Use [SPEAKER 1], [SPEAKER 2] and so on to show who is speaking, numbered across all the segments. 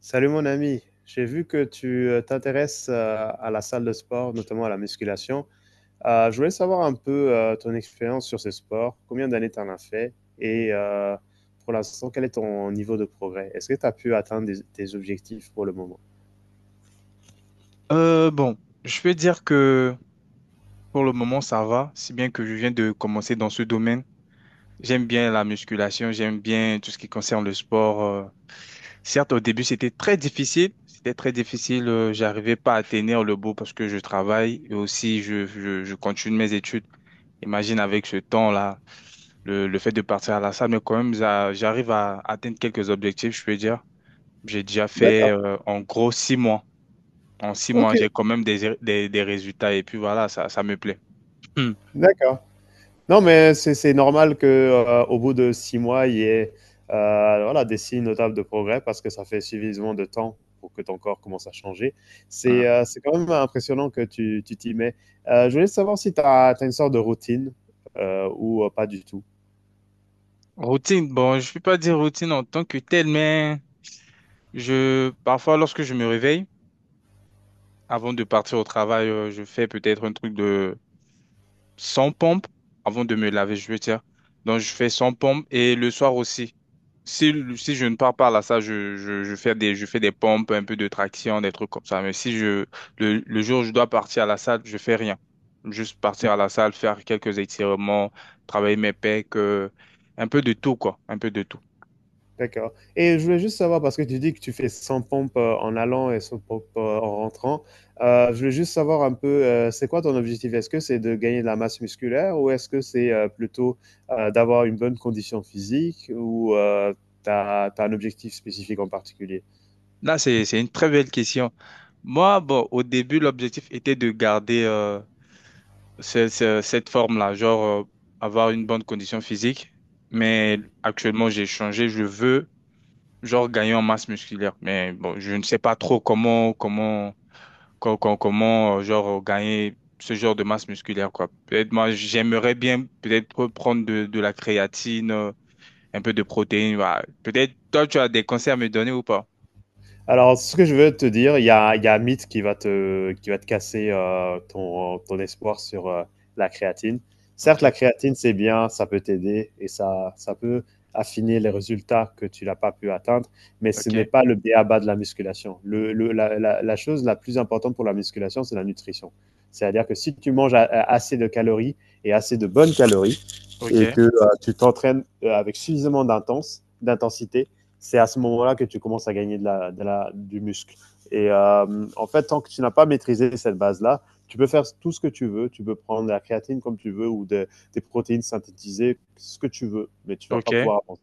[SPEAKER 1] Salut mon ami, j'ai vu que tu t'intéresses à la salle de sport, notamment à la musculation. Je voulais savoir un peu ton expérience sur ce sport, combien d'années tu en as fait et pour l'instant, quel est ton niveau de progrès? Est-ce que tu as pu atteindre tes objectifs pour le moment?
[SPEAKER 2] Bon, je peux dire que pour le moment, ça va, si bien que je viens de commencer dans ce domaine. J'aime bien la musculation, j'aime bien tout ce qui concerne le sport. Certes, au début, c'était très difficile. C'était très difficile. J'arrivais pas à tenir le bout parce que je travaille et aussi je continue mes études. Imagine avec ce temps-là, le fait de partir à la salle, mais quand même, j'arrive à atteindre quelques objectifs, je peux dire. J'ai déjà fait,
[SPEAKER 1] D'accord,
[SPEAKER 2] en gros 6 mois. En six
[SPEAKER 1] ok,
[SPEAKER 2] mois, j'ai quand même des résultats et puis voilà, ça me plaît. Hmm.
[SPEAKER 1] d'accord. Non, mais c'est normal que, au bout de 6 mois, il y ait voilà, des signes notables de progrès parce que ça fait suffisamment de temps pour que ton corps commence à changer.
[SPEAKER 2] Hmm.
[SPEAKER 1] C'est quand même impressionnant que tu t'y mets. Je voulais savoir si tu as une sorte de routine, ou, pas du tout?
[SPEAKER 2] Routine, bon, je ne peux pas dire routine en tant que telle, mais parfois, lorsque je me réveille, avant de partir au travail, je fais peut-être un truc de 100 pompes avant de me laver, je veux dire. Donc, je fais 100 pompes et le soir aussi. Si je ne pars pas là, ça, je fais des pompes, un peu de traction, des trucs comme ça. Mais si le jour où je dois partir à la salle, je fais rien. Juste partir à la salle, faire quelques étirements, travailler mes pecs, un peu de tout, quoi. Un peu de tout.
[SPEAKER 1] D'accord. Et je voulais juste savoir, parce que tu dis que tu fais 100 pompes en allant et 100 pompes en rentrant, je voulais juste savoir un peu, c'est quoi ton objectif? Est-ce que c'est de gagner de la masse musculaire ou est-ce que c'est plutôt d'avoir une bonne condition physique ou t'as un objectif spécifique en particulier?
[SPEAKER 2] Là, c'est une très belle question. Moi, bon, au début, l'objectif était de garder, cette forme-là, genre, avoir une bonne condition physique. Mais actuellement, j'ai changé. Je veux genre gagner en masse musculaire. Mais bon, je ne sais pas trop comment, genre, gagner ce genre de masse musculaire, quoi. Peut-être moi, j'aimerais bien peut-être prendre de la créatine, un peu de protéines. Voilà. Peut-être toi, tu as des conseils à me donner ou pas?
[SPEAKER 1] Alors, ce que je veux te dire, il y a un mythe qui va te casser ton espoir sur la créatine. Certes,
[SPEAKER 2] Ok,
[SPEAKER 1] la créatine, c'est bien, ça peut t'aider et ça peut affiner les résultats que tu n'as pas pu atteindre, mais ce
[SPEAKER 2] ok,
[SPEAKER 1] n'est pas le bien/bas de la musculation. La chose la plus importante pour la musculation, c'est la nutrition. C'est-à-dire que si tu manges assez de calories et assez de bonnes calories et
[SPEAKER 2] ok,
[SPEAKER 1] que tu t'entraînes avec suffisamment d'intensité, c'est à ce moment-là que tu commences à gagner du muscle. En fait, tant que tu n'as pas maîtrisé cette base-là, tu peux faire tout ce que tu veux. Tu peux prendre de la créatine comme tu veux ou des protéines synthétisées, ce que tu veux, mais tu ne vas
[SPEAKER 2] ok,
[SPEAKER 1] pas pouvoir avancer.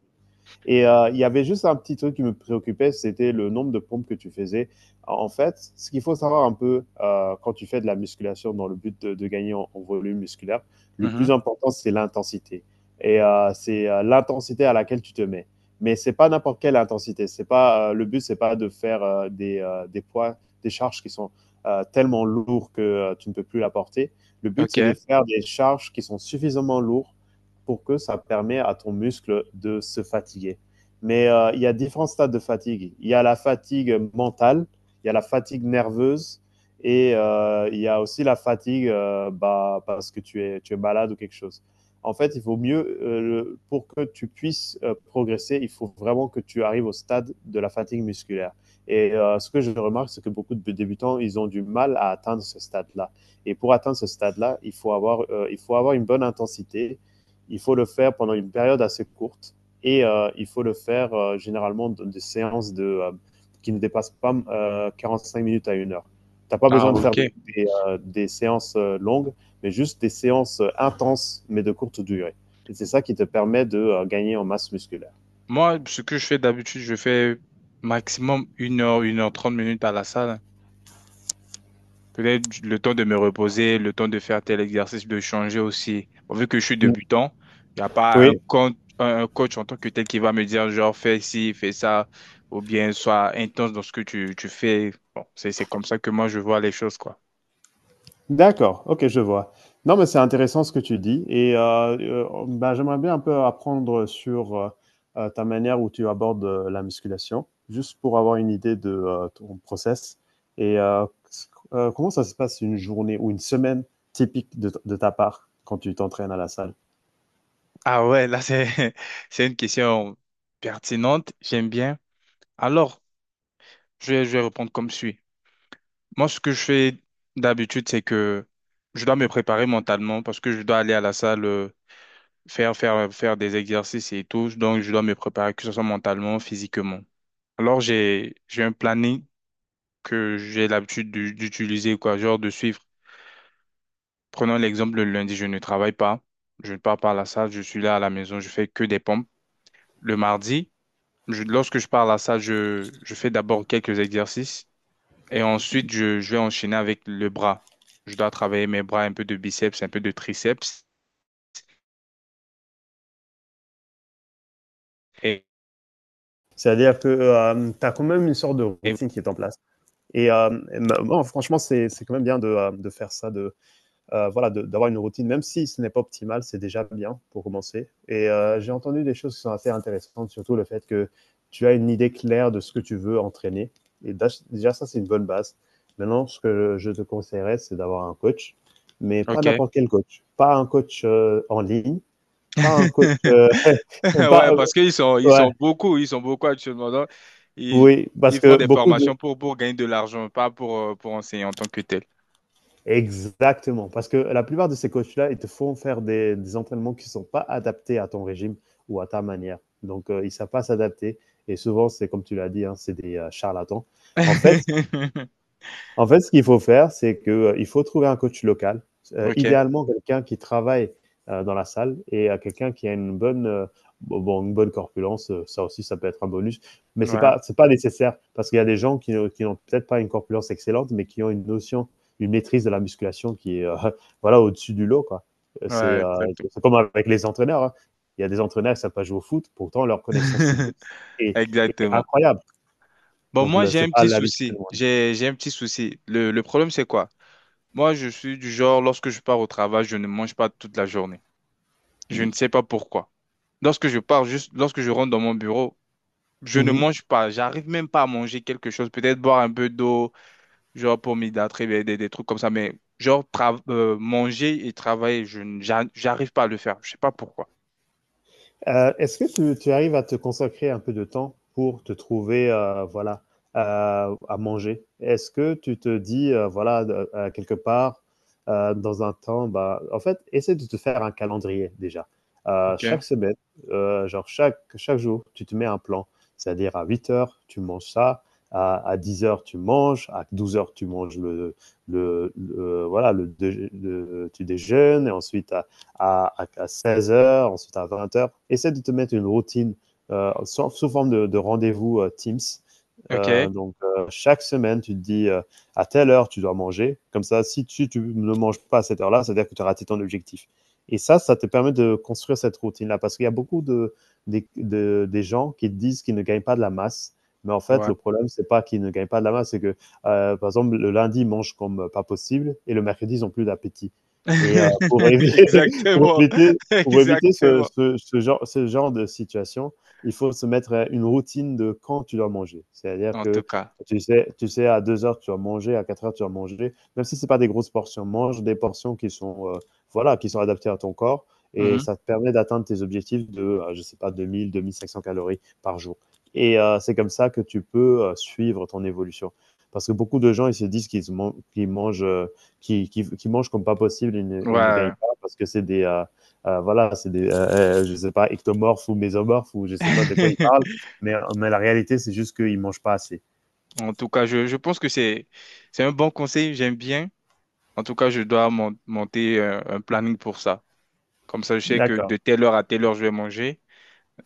[SPEAKER 1] Il y avait juste un petit truc qui me préoccupait, c'était le nombre de pompes que tu faisais. En fait, ce qu'il faut savoir un peu quand tu fais de la musculation dans le but de gagner en volume musculaire, le
[SPEAKER 2] mhm,
[SPEAKER 1] plus important, c'est l'intensité. C'est l'intensité à laquelle tu te mets. Mais c'est pas n'importe quelle intensité. C'est pas le but, c'est pas de faire des poids, des charges qui sont tellement lourds que tu ne peux plus la porter. Le but,
[SPEAKER 2] ok.
[SPEAKER 1] c'est de faire des charges qui sont suffisamment lourdes pour que ça permet à ton muscle de se fatiguer. Mais il y a différents stades de fatigue. Il y a la fatigue mentale, il y a la fatigue nerveuse et il y a aussi la fatigue bah, parce que tu es malade ou quelque chose. En fait, il vaut mieux, pour que tu puisses progresser, il faut vraiment que tu arrives au stade de la fatigue musculaire. Ce que je remarque, c'est que beaucoup de débutants, ils ont du mal à atteindre ce stade-là. Et pour atteindre ce stade-là, il faut avoir une bonne intensité, il faut le faire pendant une période assez courte et il faut le faire généralement de séances de qui ne dépassent pas 45 minutes à une heure. Tu n'as pas
[SPEAKER 2] Ah,
[SPEAKER 1] besoin de faire
[SPEAKER 2] ok.
[SPEAKER 1] des séances longues, mais juste des séances intenses, mais de courte durée. Et c'est ça qui te permet de gagner en masse musculaire.
[SPEAKER 2] Moi, ce que je fais d'habitude, je fais maximum une heure trente minutes à la salle. Peut-être le temps de me reposer, le temps de faire tel exercice, de changer aussi. Bon, vu que je suis débutant, il n'y a pas un
[SPEAKER 1] Oui,
[SPEAKER 2] coach, un coach en tant que tel qui va me dire genre fais ci, fais ça, ou bien sois intense dans ce que tu fais. Bon, c'est comme ça que moi je vois les choses, quoi.
[SPEAKER 1] d'accord, OK, je vois. Non, mais c'est intéressant ce que tu dis et bah, j'aimerais bien un peu apprendre sur, ta manière où tu abordes, la musculation, juste pour avoir une idée de, ton process et c comment ça se passe une journée ou une semaine typique de ta part quand tu t'entraînes à la salle?
[SPEAKER 2] Ah ouais, là c'est, c'est une question pertinente, j'aime bien. Alors, je vais répondre comme suit. Moi, ce que je fais d'habitude, c'est que je dois me préparer mentalement parce que je dois aller à la salle. Faire des exercices et tout. Donc, je dois me préparer, que ce soit mentalement, physiquement. Alors, j'ai un planning que j'ai l'habitude d'utiliser, quoi, genre de suivre. Prenons l'exemple, le lundi, je ne travaille pas. Je ne pars pas à la salle, je suis là à la maison, je fais que des pompes. Le mardi, lorsque je pars à la salle, je fais d'abord quelques exercices et ensuite, je vais enchaîner avec le bras. Je dois travailler mes bras, un peu de biceps, un peu de triceps. Et,
[SPEAKER 1] C'est-à-dire que, tu as quand même une sorte de
[SPEAKER 2] et-
[SPEAKER 1] routine qui est en place et hem, et me franchement, c'est quand même bien de faire ça de voilà, d'avoir une routine, même si ce n'est pas optimal, c'est déjà bien pour commencer. J'ai entendu des choses qui sont assez intéressantes, surtout le fait que tu as une idée claire de ce que tu veux entraîner. Et déjà, ça, c'est une bonne base. Maintenant, ce que je te conseillerais, c'est d'avoir un coach, mais pas
[SPEAKER 2] ok.
[SPEAKER 1] n'importe quel coach. Pas un coach en ligne, pas un coach. Pas,
[SPEAKER 2] Ouais, parce qu'ils sont, ils
[SPEAKER 1] ouais,
[SPEAKER 2] sont beaucoup, ils sont beaucoup actuellement. Donc, ils,
[SPEAKER 1] oui, parce
[SPEAKER 2] ils font
[SPEAKER 1] que
[SPEAKER 2] des
[SPEAKER 1] beaucoup de,
[SPEAKER 2] formations pour gagner de l'argent, pas pour, pour enseigner en tant que tel.
[SPEAKER 1] exactement, parce que la plupart de ces coachs-là, ils te font faire des entraînements qui ne sont pas adaptés à ton régime ou à ta manière. Donc, ils ne savent pas s'adapter. Et souvent, c'est comme tu l'as dit, hein, c'est des charlatans. En fait, en fait, ce qu'il faut faire, c'est que, il faut trouver un coach local,
[SPEAKER 2] Ok,
[SPEAKER 1] idéalement quelqu'un qui travaille, dans la salle et quelqu'un qui a une bonne corpulence, ça aussi, ça peut être un bonus, mais c'est
[SPEAKER 2] ouais,
[SPEAKER 1] pas c'est pas nécessaire parce qu'il y a des gens qui ont peut-être pas une corpulence excellente, mais qui ont une notion, une maîtrise de la musculation qui est, voilà, au-dessus du lot, quoi. Heu, c'est,
[SPEAKER 2] ouais,
[SPEAKER 1] heu,
[SPEAKER 2] exactement.
[SPEAKER 1] c'est comme avec les entraîneurs, hein. Il y a des entraîneurs, ils savent pas jouer au foot, pourtant leur connaissance footballistique est
[SPEAKER 2] Exactement.
[SPEAKER 1] incroyable,
[SPEAKER 2] Bon,
[SPEAKER 1] donc
[SPEAKER 2] moi,
[SPEAKER 1] le
[SPEAKER 2] j'ai
[SPEAKER 1] c'est
[SPEAKER 2] un
[SPEAKER 1] pas
[SPEAKER 2] petit
[SPEAKER 1] l'avis de tout le
[SPEAKER 2] souci.
[SPEAKER 1] monde.
[SPEAKER 2] J'ai un petit souci. Le problème, c'est quoi? Moi, je suis du genre, lorsque je pars au travail, je ne mange pas toute la journée. Je
[SPEAKER 1] Mmh.
[SPEAKER 2] ne sais pas pourquoi. Lorsque je pars, juste lorsque je rentre dans mon bureau, je ne
[SPEAKER 1] Mmh
[SPEAKER 2] mange pas, j'arrive même pas à manger quelque chose, peut-être boire un peu d'eau, genre pour m'hydrater, des trucs comme ça, mais genre manger et travailler, j'arrive pas à le faire, je sais pas pourquoi.
[SPEAKER 1] Euh, Est-ce que tu arrives à te consacrer un peu de temps pour te trouver, voilà, à manger? Est-ce que tu te dis, voilà, de quelque part, dans un temps, bah, en fait, essaie de te faire un calendrier déjà.
[SPEAKER 2] Ok,
[SPEAKER 1] Chaque semaine, genre chaque jour, tu te mets un plan. C'est-à-dire à 8 heures tu manges ça, à 10 heures tu manges, à 12 heures tu manges le voilà, le déj le tu déjeunes et ensuite à 16h, ensuite à 20 heures. Essaie de te mettre une routine sous forme de rendez-vous Teams.
[SPEAKER 2] ok,
[SPEAKER 1] Donc, chaque semaine, tu te dis à telle heure, tu dois manger. Comme ça, si tu ne manges pas à cette heure-là, c'est-à-dire que tu as raté ton objectif. Et ça te permet de construire cette routine-là parce qu'il y a beaucoup des gens qui te disent qu'ils ne gagnent pas de la masse. Mais en fait,
[SPEAKER 2] ouais.
[SPEAKER 1] le problème, c'est pas qu'ils ne gagnent pas de la masse, c'est que, par exemple, le lundi, ils mangent comme pas possible et le mercredi, ils n'ont plus d'appétit. Pour, éviter,
[SPEAKER 2] Exactement,
[SPEAKER 1] pour éviter ce,
[SPEAKER 2] exactement.
[SPEAKER 1] ce- ce genre, ce genre de situation, il faut se mettre une routine de quand tu dois manger. C'est-à-dire
[SPEAKER 2] En tout
[SPEAKER 1] que
[SPEAKER 2] cas.
[SPEAKER 1] tu sais, à 2 heures, tu vas manger, à 4 heures, tu vas manger. Même si c'est pas des grosses portions, mange des portions qui sont, voilà, qui sont adaptées à ton corps et
[SPEAKER 2] Mhm.
[SPEAKER 1] ça te permet d'atteindre tes objectifs de, je sais pas, 2000, 2500 calories par jour. C'est comme ça que tu peux suivre ton évolution. Parce que beaucoup de gens, ils se disent qu'ils mangent, qu'ils mangent comme pas possible et ne gagnent
[SPEAKER 2] Ouais.
[SPEAKER 1] parce que c'est des voilà, c'est des je sais pas ectomorphes ou mésomorphes ou je sais pas de quoi ils parlent, mais la réalité c'est juste qu'ils mangent pas assez.
[SPEAKER 2] En tout cas, je pense que c'est un bon conseil, j'aime bien. En tout cas, je dois monter un planning pour ça. Comme ça, je sais que
[SPEAKER 1] D'accord.
[SPEAKER 2] de telle heure à telle heure, je vais manger.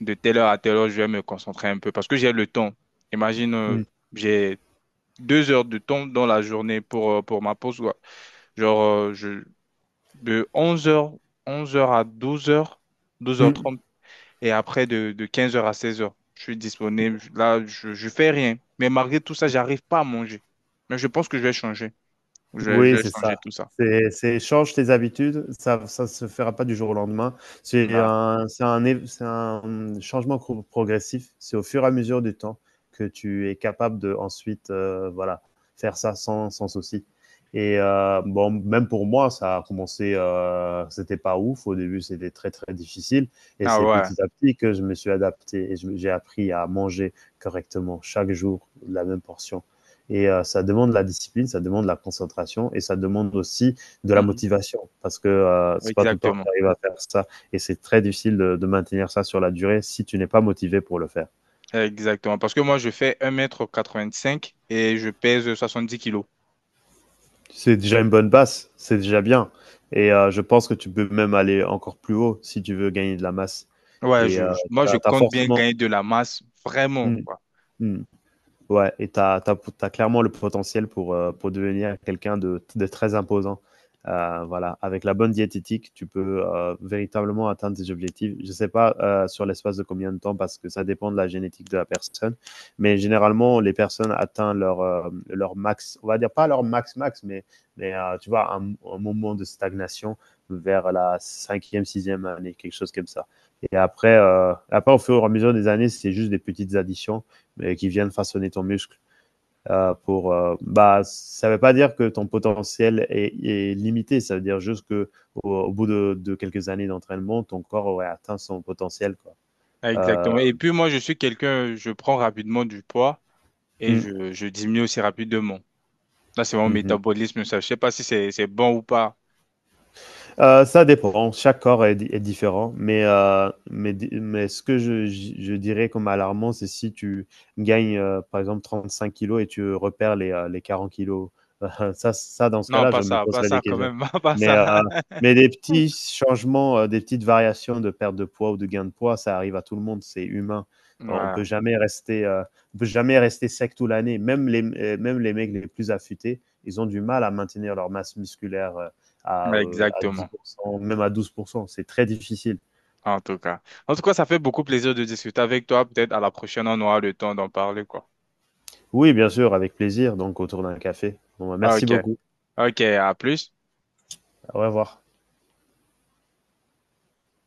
[SPEAKER 2] De telle heure à telle heure, je vais me concentrer un peu parce que j'ai le temps. Imagine,
[SPEAKER 1] Mm.
[SPEAKER 2] j'ai 2 heures de temps dans la journée pour ma pause, quoi. Genre, de onze heures à douze heures douze heures
[SPEAKER 1] Mm.
[SPEAKER 2] trente et après de 15 heures à 16 heures je suis disponible. Là, je fais rien. Mais malgré tout ça, j'arrive pas à manger. Mais je pense que je vais changer. Je vais, je
[SPEAKER 1] Oui,
[SPEAKER 2] vais
[SPEAKER 1] c'est ça.
[SPEAKER 2] changer tout ça.
[SPEAKER 1] C'est change tes habitudes, ça se fera pas du jour au lendemain. C'est
[SPEAKER 2] Ouais.
[SPEAKER 1] un c'est un é c'est un, mmh, changement progressif. C'est au fur et à mesure du temps que tu es capable de ensuite, voilà, faire ça sans souci et bon, même pour moi, ça a commencé, c'était pas ouf. Au début, c'était très, très difficile et
[SPEAKER 2] Ah
[SPEAKER 1] c'est
[SPEAKER 2] ouais.
[SPEAKER 1] petit à petit que je me suis adapté et je me j'ai appris à manger correctement chaque jour la même portion. Ça demande la discipline, ça demande la concentration et ça demande aussi de la
[SPEAKER 2] Mhm.
[SPEAKER 1] motivation parce que c'est pas tout le temps que tu
[SPEAKER 2] Exactement.
[SPEAKER 1] arrives à faire ça et c'est très difficile de maintenir ça sur la durée si tu n'es pas motivé pour le faire.
[SPEAKER 2] Exactement. Parce que moi, je fais 1,85 m et je pèse 70 kilos.
[SPEAKER 1] C'est déjà une bonne base, c'est déjà bien. Je pense que tu peux même aller encore plus haut si tu veux gagner de la masse.
[SPEAKER 2] Ouais,
[SPEAKER 1] Et euh,
[SPEAKER 2] moi,
[SPEAKER 1] Tu
[SPEAKER 2] je
[SPEAKER 1] as,
[SPEAKER 2] compte bien
[SPEAKER 1] forcément...
[SPEAKER 2] gagner de la masse, vraiment,
[SPEAKER 1] Mm,
[SPEAKER 2] quoi.
[SPEAKER 1] mm. Ouais, et tu as, clairement le potentiel pour devenir quelqu'un de très imposant. Voilà, avec la bonne diététique, tu peux véritablement atteindre tes objectifs. Je ne sais pas sur l'espace de combien de temps, parce que ça dépend de la génétique de la personne, mais généralement, les personnes atteignent leur max, on va dire pas leur max-max, mais tu vois, un moment de stagnation vers la cinquième, sixième année, quelque chose comme ça. Et après, après au fur et à mesure des années, c'est juste des petites additions et qui viennent façonner ton muscle. Bah, ça ne veut pas dire que ton potentiel est limité, ça veut dire juste que au bout quelques années d'entraînement, ton corps aurait atteint son potentiel. Quoi.
[SPEAKER 2] Ah,
[SPEAKER 1] Euh,
[SPEAKER 2] Exactement. Et puis, moi, je suis quelqu'un, je prends rapidement du poids et
[SPEAKER 1] mm,
[SPEAKER 2] je diminue aussi rapidement. Là, c'est mon
[SPEAKER 1] mm,
[SPEAKER 2] métabolisme, ça. Je sais pas si c'est bon ou pas.
[SPEAKER 1] Euh, ça dépend. Chaque corps est différent. Mais ce que je dirais comme alarmant, c'est si tu gagnes, par exemple, 35 kilos et tu repères les 40 kilos. Ça, dans ce
[SPEAKER 2] Non,
[SPEAKER 1] cas-là,
[SPEAKER 2] pas
[SPEAKER 1] je me
[SPEAKER 2] ça, pas
[SPEAKER 1] poserais
[SPEAKER 2] ça
[SPEAKER 1] des
[SPEAKER 2] quand
[SPEAKER 1] questions.
[SPEAKER 2] même, pas
[SPEAKER 1] Mais,
[SPEAKER 2] ça.
[SPEAKER 1] euh, mais des petits changements, des petites variations de perte de poids ou de gain de poids, ça arrive à tout le monde. C'est humain. On
[SPEAKER 2] Ouais,
[SPEAKER 1] peut jamais rester, on peut jamais rester sec toute l'année. Même les mecs les plus affûtés, ils ont du mal à maintenir leur masse musculaire
[SPEAKER 2] ouais,
[SPEAKER 1] à dix
[SPEAKER 2] exactement.
[SPEAKER 1] pour cent même à 12%. C'est très difficile.
[SPEAKER 2] En tout cas. En tout cas, ça fait beaucoup plaisir de discuter avec toi. Peut-être à la prochaine, on aura le temps d'en parler, quoi.
[SPEAKER 1] Oui, bien sûr, avec plaisir. Donc, autour d'un café. Bon, bah,
[SPEAKER 2] Ah,
[SPEAKER 1] merci
[SPEAKER 2] Ok,
[SPEAKER 1] beaucoup.
[SPEAKER 2] ok, à plus.
[SPEAKER 1] Au revoir.